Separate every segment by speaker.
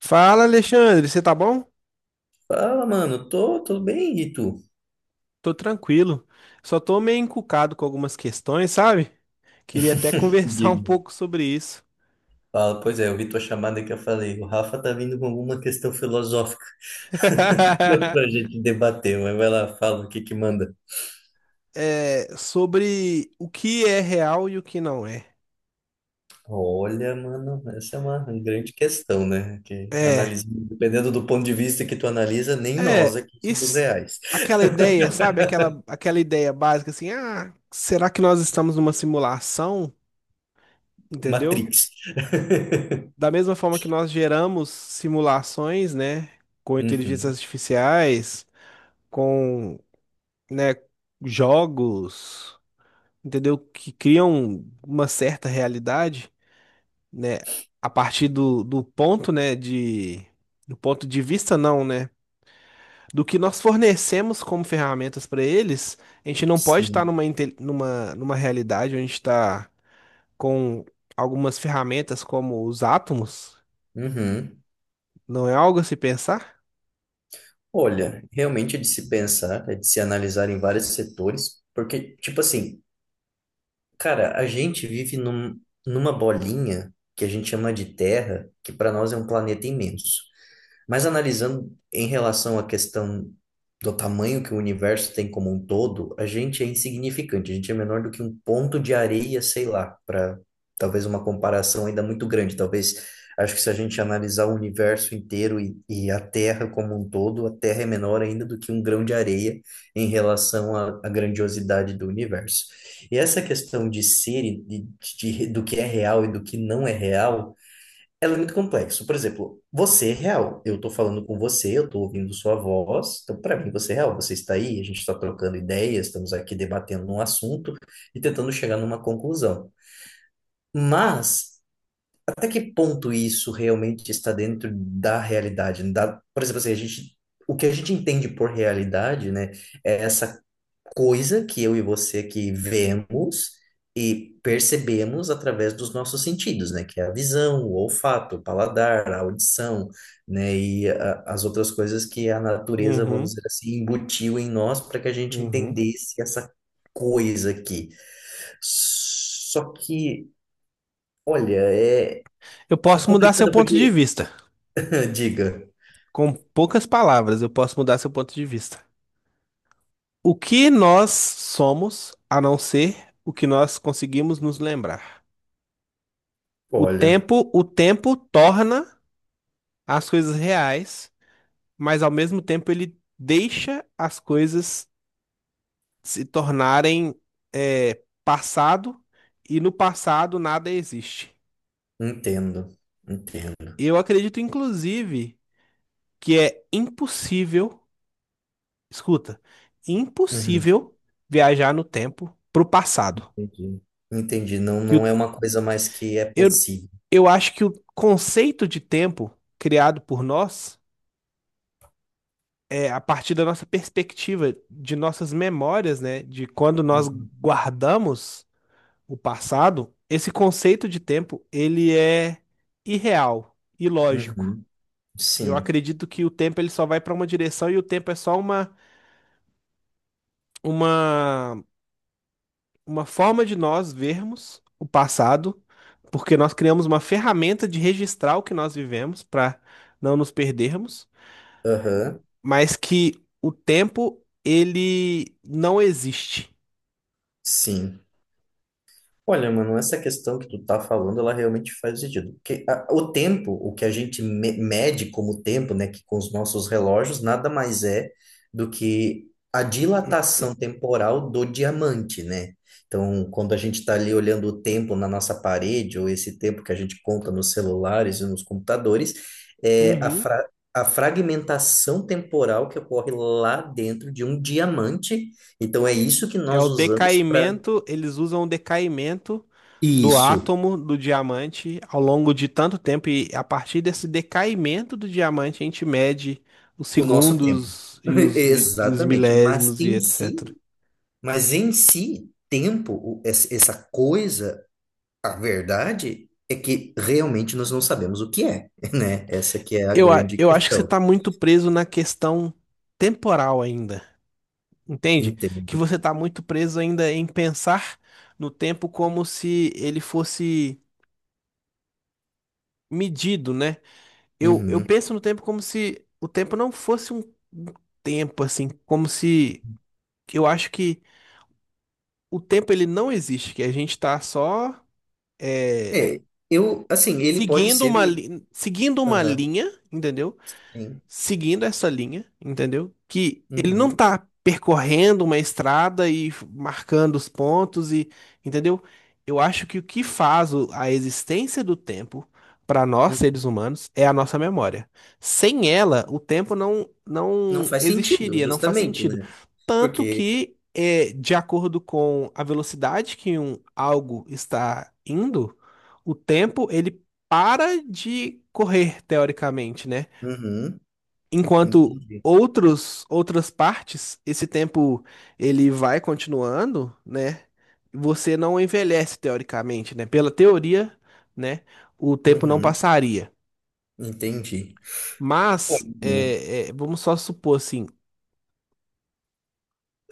Speaker 1: Fala, Alexandre, você tá bom?
Speaker 2: Fala, mano. Tô bem, e tu?
Speaker 1: Tô tranquilo. Só tô meio encucado com algumas questões, sabe? Queria até conversar um
Speaker 2: Digo,
Speaker 1: pouco sobre isso.
Speaker 2: Fala, pois é, eu vi tua chamada que eu falei. O Rafa tá vindo com alguma questão filosófica pra gente debater, mas vai lá, fala o que que manda.
Speaker 1: É, sobre o que é real e o que não é.
Speaker 2: Olha, mano, essa é uma grande questão, né? Que
Speaker 1: É,
Speaker 2: analisa, dependendo do ponto de vista que tu analisa, nem nós
Speaker 1: é,
Speaker 2: aqui somos
Speaker 1: isso,
Speaker 2: reais.
Speaker 1: aquela ideia, sabe? Aquela ideia básica assim, ah, será que nós estamos numa simulação? Entendeu?
Speaker 2: Matrix.
Speaker 1: Da mesma forma que nós geramos simulações, né? Com inteligências
Speaker 2: Uhum.
Speaker 1: artificiais, com né, jogos, entendeu? Que criam uma certa realidade, né, a partir do ponto, né, de, do ponto de vista não, né, do que nós fornecemos como ferramentas para eles, a gente não pode estar
Speaker 2: Sim.
Speaker 1: numa realidade onde a gente está com algumas ferramentas como os átomos,
Speaker 2: Uhum.
Speaker 1: não é algo a se pensar?
Speaker 2: Olha, realmente é de se pensar, é de se analisar em vários setores, porque, tipo assim. Cara, a gente vive num, numa bolinha que a gente chama de Terra, que para nós é um planeta imenso. Mas analisando em relação à questão do tamanho que o universo tem como um todo, a gente é insignificante, a gente é menor do que um ponto de areia, sei lá, para talvez uma comparação ainda muito grande. Talvez, acho que se a gente analisar o universo inteiro e a Terra como um todo, a Terra é menor ainda do que um grão de areia em relação à, à grandiosidade do universo. E essa questão de ser e de, do que é real e do que não é real. Ela é muito complexo. Por exemplo, você é real. Eu tô falando com você, eu tô ouvindo sua voz. Então, para mim, você é real. Você está aí, a gente está trocando ideias, estamos aqui debatendo um assunto e tentando chegar numa conclusão. Mas até que ponto isso realmente está dentro da realidade? Da, por exemplo, assim, a gente, o que a gente entende por realidade, né, é essa coisa que eu e você que vemos e percebemos através dos nossos sentidos, né, que é a visão, o olfato, o paladar, a audição, né, e as outras coisas que a natureza, vamos
Speaker 1: Uhum,
Speaker 2: dizer assim, embutiu em nós para que a gente
Speaker 1: uhum.
Speaker 2: entendesse essa coisa aqui. Só que, olha, é
Speaker 1: Eu
Speaker 2: é
Speaker 1: posso mudar seu
Speaker 2: complicado
Speaker 1: ponto de
Speaker 2: porque.
Speaker 1: vista.
Speaker 2: Diga.
Speaker 1: Com poucas palavras, eu posso mudar seu ponto de vista. O que nós somos a não ser o que nós conseguimos nos lembrar?
Speaker 2: Olha,
Speaker 1: O tempo torna as coisas reais, mas ao mesmo tempo ele deixa as coisas se tornarem passado e no passado nada existe.
Speaker 2: entendo, entendo.
Speaker 1: Eu acredito, inclusive, que é impossível, escuta,
Speaker 2: Uhum,
Speaker 1: impossível viajar no tempo para o passado.
Speaker 2: entendi. Entendi. Não,
Speaker 1: Que o
Speaker 2: não é uma coisa mais que é
Speaker 1: Eu,
Speaker 2: possível.
Speaker 1: eu acho que o conceito de tempo criado por nós é a partir da nossa perspectiva, de nossas memórias, né? De quando nós
Speaker 2: Uhum,
Speaker 1: guardamos o passado, esse conceito de tempo, ele é irreal, ilógico.
Speaker 2: uhum,
Speaker 1: Eu
Speaker 2: sim.
Speaker 1: acredito que o tempo ele só vai para uma direção e o tempo é só uma, uma forma de nós vermos o passado, porque nós criamos uma ferramenta de registrar o que nós vivemos para não nos perdermos,
Speaker 2: Aham,
Speaker 1: mas que o tempo ele não existe.
Speaker 2: sim. Olha, mano, essa questão que tu tá falando, ela realmente faz sentido. Porque o tempo, o que a gente mede como tempo, né, que com os nossos relógios, nada mais é do que a dilatação temporal do diamante, né? Então, quando a gente está ali olhando o tempo na nossa parede, ou esse tempo que a gente conta nos celulares e nos computadores, é
Speaker 1: Uhum.
Speaker 2: a fragmentação temporal que ocorre lá dentro de um diamante. Então, é isso que
Speaker 1: É
Speaker 2: nós
Speaker 1: o
Speaker 2: usamos para
Speaker 1: decaimento, eles usam o decaimento do
Speaker 2: isso.
Speaker 1: átomo do diamante ao longo de tanto tempo, e a partir desse decaimento do diamante a gente mede os
Speaker 2: O nosso tempo.
Speaker 1: segundos e os, mi- e os
Speaker 2: Exatamente. Mas
Speaker 1: milésimos e
Speaker 2: em si,
Speaker 1: etc.
Speaker 2: mas em si, tempo, essa coisa, a verdade é que realmente nós não sabemos o que é, né? Essa que é a
Speaker 1: Eu, a-
Speaker 2: grande
Speaker 1: eu acho que você
Speaker 2: questão.
Speaker 1: está muito preso na questão temporal ainda, entende? Que
Speaker 2: Entendo.
Speaker 1: você está muito preso ainda em pensar no tempo como se ele fosse medido, né? Eu
Speaker 2: Uhum.
Speaker 1: penso no tempo como se o tempo não fosse um tempo, assim, como se eu acho que o tempo ele não existe, que a gente tá só é,
Speaker 2: É, eu, assim, ele pode ser.
Speaker 1: seguindo uma
Speaker 2: Aham,
Speaker 1: linha, entendeu?
Speaker 2: sim.
Speaker 1: Seguindo essa linha, entendeu? Que ele não
Speaker 2: Uhum.
Speaker 1: tá percorrendo uma estrada e marcando os pontos e, entendeu? Eu acho que o que faz a existência do tempo para nós
Speaker 2: Uhum.
Speaker 1: seres humanos é a nossa memória. Sem ela, o tempo não
Speaker 2: Não
Speaker 1: não
Speaker 2: faz sentido,
Speaker 1: existiria, não faz
Speaker 2: justamente,
Speaker 1: sentido.
Speaker 2: né?
Speaker 1: Tanto
Speaker 2: Porque.
Speaker 1: que é, de acordo com a velocidade que um algo está indo, o tempo ele para de correr teoricamente, né?
Speaker 2: Uhum.
Speaker 1: Enquanto
Speaker 2: Entendi.
Speaker 1: outros, outras partes, esse tempo ele vai continuando, né? Você não envelhece teoricamente, né? Pela teoria, né? O tempo não
Speaker 2: Uhum.
Speaker 1: passaria.
Speaker 2: Entendi.
Speaker 1: Mas
Speaker 2: Uhum.
Speaker 1: vamos só supor assim,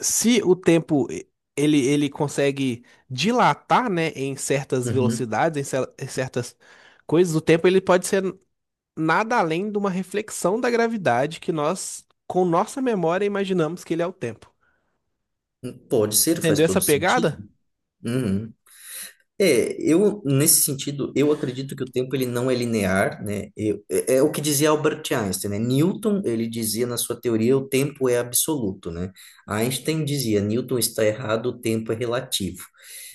Speaker 1: se o tempo e- ele consegue dilatar, né? Em certas
Speaker 2: Uhum.
Speaker 1: velocidades, em, em certas coisas, o tempo ele pode ser nada além de uma reflexão da gravidade que nós, com nossa memória, imaginamos que ele é o tempo.
Speaker 2: Pode ser, faz
Speaker 1: Entendeu essa
Speaker 2: todo sentido.
Speaker 1: pegada?
Speaker 2: Uhum. É, eu, nesse sentido, eu acredito que o tempo ele não é linear, né? É, é o que dizia Albert Einstein, né? Newton, ele dizia na sua teoria, o tempo é absoluto, né? Einstein dizia, Newton está errado, o tempo é relativo.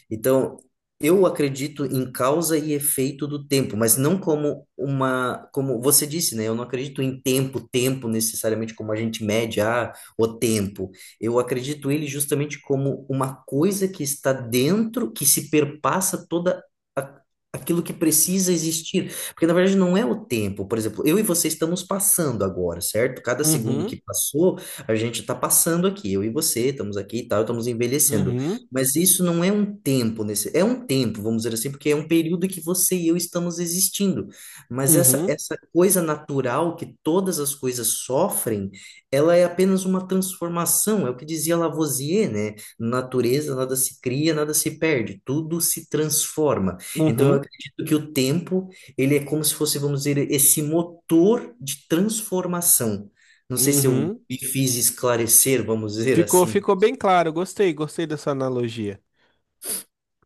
Speaker 2: Então, eu acredito em causa e efeito do tempo, mas não como uma, como você disse, né? Eu não acredito em tempo, tempo necessariamente como a gente mede, ah, o tempo. Eu acredito ele justamente como uma coisa que está dentro, que se perpassa toda a- aquilo que precisa existir. Porque na verdade não é o tempo. Por exemplo, eu e você estamos passando agora, certo? Cada segundo
Speaker 1: Uhum,
Speaker 2: que passou, a gente está passando aqui. Eu e você estamos aqui e tal, estamos envelhecendo.
Speaker 1: uhum,
Speaker 2: Mas isso não é um tempo, nesse, é um tempo, vamos dizer assim, porque é um período que você e eu estamos existindo. Mas essa,
Speaker 1: uhum,
Speaker 2: essa coisa natural que todas as coisas sofrem, ela é apenas uma transformação, é o que dizia Lavoisier, né? Natureza, nada se cria, nada se perde, tudo se transforma. Então, eu
Speaker 1: uhum,
Speaker 2: acredito que o tempo, ele é como se fosse, vamos dizer, esse motor de transformação. Não sei se eu
Speaker 1: uhum.
Speaker 2: me fiz esclarecer, vamos dizer
Speaker 1: Ficou,
Speaker 2: assim.
Speaker 1: ficou bem claro, gostei dessa analogia.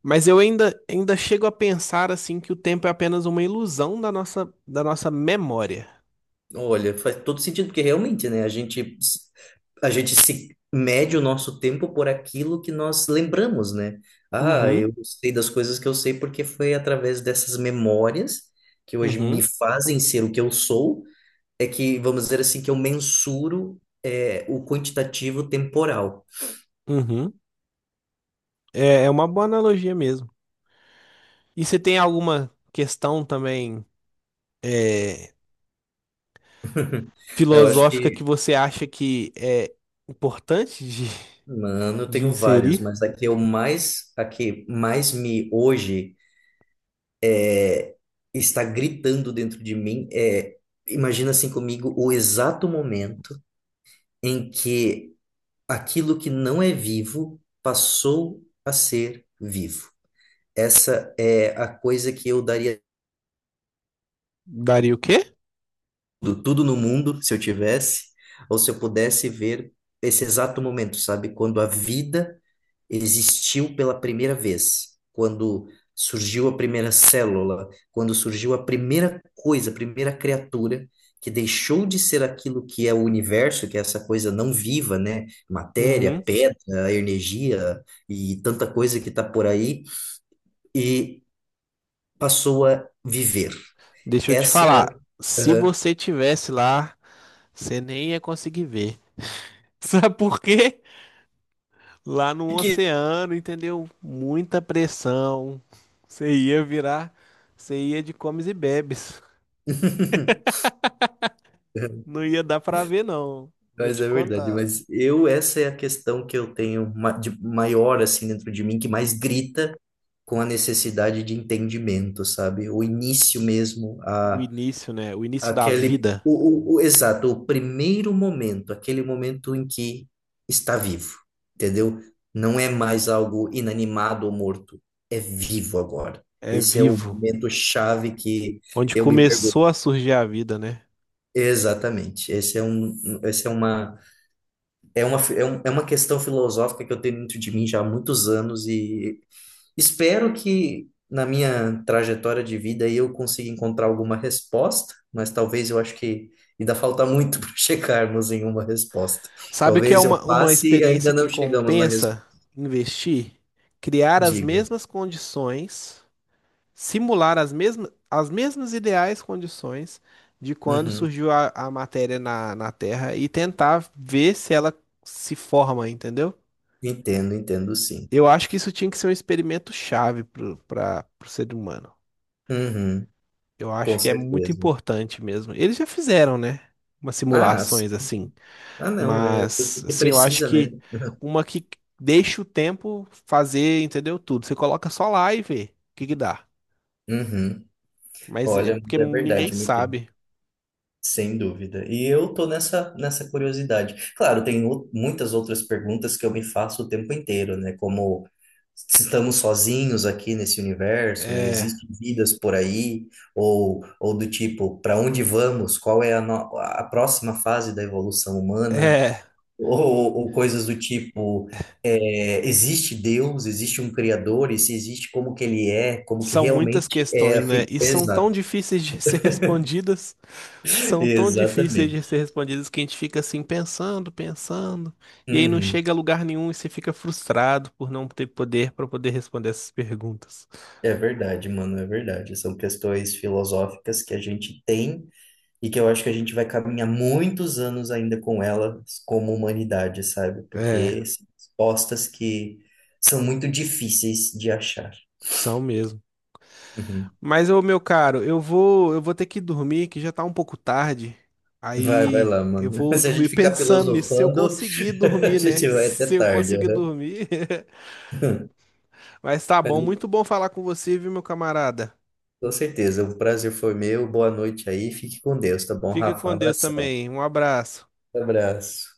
Speaker 1: Mas eu ainda chego a pensar assim que o tempo é apenas uma ilusão da nossa memória.
Speaker 2: Olha, faz todo sentido, porque realmente, né, a gente se mede o nosso tempo por aquilo que nós lembramos, né? Ah,
Speaker 1: Uhum,
Speaker 2: eu sei das coisas que eu sei porque foi através dessas memórias que hoje me
Speaker 1: uhum,
Speaker 2: fazem ser o que eu sou, é que, vamos dizer assim, que eu mensuro é, o quantitativo temporal.
Speaker 1: uhum. É, é uma boa analogia mesmo. E você tem alguma questão também é,
Speaker 2: Eu acho
Speaker 1: filosófica que
Speaker 2: que,
Speaker 1: você acha que é importante
Speaker 2: mano, eu
Speaker 1: de
Speaker 2: tenho várias,
Speaker 1: inserir?
Speaker 2: mas a que eu mais, a que mais me hoje está gritando dentro de mim é, imagina assim comigo o exato momento em que aquilo que não é vivo passou a ser vivo. Essa é a coisa que eu daria
Speaker 1: Daria o quê?
Speaker 2: tudo, tudo no mundo, se eu tivesse, ou se eu pudesse ver esse exato momento, sabe? Quando a vida existiu pela primeira vez, quando surgiu a primeira célula, quando surgiu a primeira coisa, a primeira criatura que deixou de ser aquilo que é o universo, que é essa coisa não viva, né? Matéria,
Speaker 1: Uhum.
Speaker 2: pedra, energia e tanta coisa que está por aí, e passou a viver.
Speaker 1: Deixa eu te
Speaker 2: Essa é a...
Speaker 1: falar, se
Speaker 2: Aham.
Speaker 1: você tivesse lá, você nem ia conseguir ver. Sabe por quê? Lá no
Speaker 2: que
Speaker 1: oceano, entendeu? Muita pressão. Você ia virar, você ia de comes e bebes. Não ia dar pra ver, não. Vou
Speaker 2: Mas
Speaker 1: te
Speaker 2: é verdade,
Speaker 1: contar.
Speaker 2: mas eu, essa é a questão que eu tenho de maior, assim, dentro de mim, que mais grita com a necessidade de entendimento, sabe? O início mesmo,
Speaker 1: O
Speaker 2: a,
Speaker 1: início, né? O início da
Speaker 2: aquele,
Speaker 1: vida
Speaker 2: exato, o primeiro momento, aquele momento em que está vivo, entendeu? Não é mais algo inanimado ou morto, é vivo agora.
Speaker 1: é
Speaker 2: Esse é o
Speaker 1: vivo.
Speaker 2: momento chave que
Speaker 1: Onde
Speaker 2: eu me
Speaker 1: começou
Speaker 2: pergunto.
Speaker 1: a surgir a vida, né?
Speaker 2: Exatamente, esse é um, esse é uma É uma, é é uma questão filosófica que eu tenho dentro de mim já há muitos anos e espero que na minha trajetória de vida eu consiga encontrar alguma resposta, mas talvez eu acho que ainda falta muito para chegarmos em uma resposta.
Speaker 1: Sabe o que é
Speaker 2: Talvez eu
Speaker 1: uma
Speaker 2: passe e
Speaker 1: experiência
Speaker 2: ainda
Speaker 1: que
Speaker 2: não chegamos na resposta.
Speaker 1: compensa investir? Criar as
Speaker 2: Diga.
Speaker 1: mesmas condições, simular as mesmas ideais condições de quando
Speaker 2: Uhum.
Speaker 1: surgiu a matéria na Terra e tentar ver se ela se forma, entendeu?
Speaker 2: Entendo sim.
Speaker 1: Eu acho que isso tinha que ser um experimento chave para o ser humano.
Speaker 2: Uhum.
Speaker 1: Eu
Speaker 2: Com
Speaker 1: acho que é muito
Speaker 2: certeza.
Speaker 1: importante mesmo. Eles já fizeram, né? Umas
Speaker 2: Ah, s-
Speaker 1: simulações assim.
Speaker 2: ah, não, né?
Speaker 1: Mas,
Speaker 2: Porque
Speaker 1: assim, eu acho
Speaker 2: precisa, né?
Speaker 1: que uma que deixa o tempo fazer, entendeu? Tudo. Você coloca só lá e vê o que que dá.
Speaker 2: Uhum.
Speaker 1: Mas é
Speaker 2: Olha, mas
Speaker 1: porque
Speaker 2: é
Speaker 1: ninguém
Speaker 2: verdade, meu querido.
Speaker 1: sabe.
Speaker 2: Sem dúvida. E eu tô nessa curiosidade. Claro, tem muitas outras perguntas que eu me faço o tempo inteiro, né? Como se estamos sozinhos aqui nesse universo, né?
Speaker 1: É.
Speaker 2: Existem vidas por aí? Ou do tipo, para onde vamos? Qual é a, a próxima fase da evolução humana?
Speaker 1: É,
Speaker 2: Ou coisas do tipo, é, existe Deus? Existe um Criador? E se existe, como que ele é? Como que
Speaker 1: são muitas
Speaker 2: realmente é
Speaker 1: questões,
Speaker 2: a
Speaker 1: né?
Speaker 2: figura?
Speaker 1: E são tão
Speaker 2: Exato.
Speaker 1: difíceis de ser respondidas, são tão difíceis de ser
Speaker 2: Exatamente.
Speaker 1: respondidas que a gente fica assim pensando, pensando, e aí não
Speaker 2: Uhum.
Speaker 1: chega a lugar nenhum e você fica frustrado por não ter poder para poder responder essas perguntas.
Speaker 2: É verdade, mano, é verdade. São questões filosóficas que a gente tem e que eu acho que a gente vai caminhar muitos anos ainda com elas como humanidade, sabe?
Speaker 1: É,
Speaker 2: Porque são respostas que são muito difíceis de achar.
Speaker 1: são mesmo.
Speaker 2: Uhum.
Speaker 1: Mas ô meu caro, eu vou ter que dormir, que já tá um pouco tarde.
Speaker 2: Vai, vai
Speaker 1: Aí
Speaker 2: lá,
Speaker 1: eu
Speaker 2: mano.
Speaker 1: vou
Speaker 2: Se a
Speaker 1: dormir
Speaker 2: gente ficar
Speaker 1: pensando nisso, se eu
Speaker 2: filosofando,
Speaker 1: conseguir
Speaker 2: a
Speaker 1: dormir, né?
Speaker 2: gente vai até
Speaker 1: Se eu
Speaker 2: tarde.
Speaker 1: conseguir
Speaker 2: Uhum.
Speaker 1: dormir. Mas tá
Speaker 2: Mas
Speaker 1: bom, muito bom falar com você, viu, meu camarada?
Speaker 2: com certeza, o prazer foi meu. Boa noite aí. Fique com Deus, tá bom,
Speaker 1: Fica
Speaker 2: Rafa?
Speaker 1: com Deus
Speaker 2: Abração.
Speaker 1: também. Um abraço.
Speaker 2: Abraço.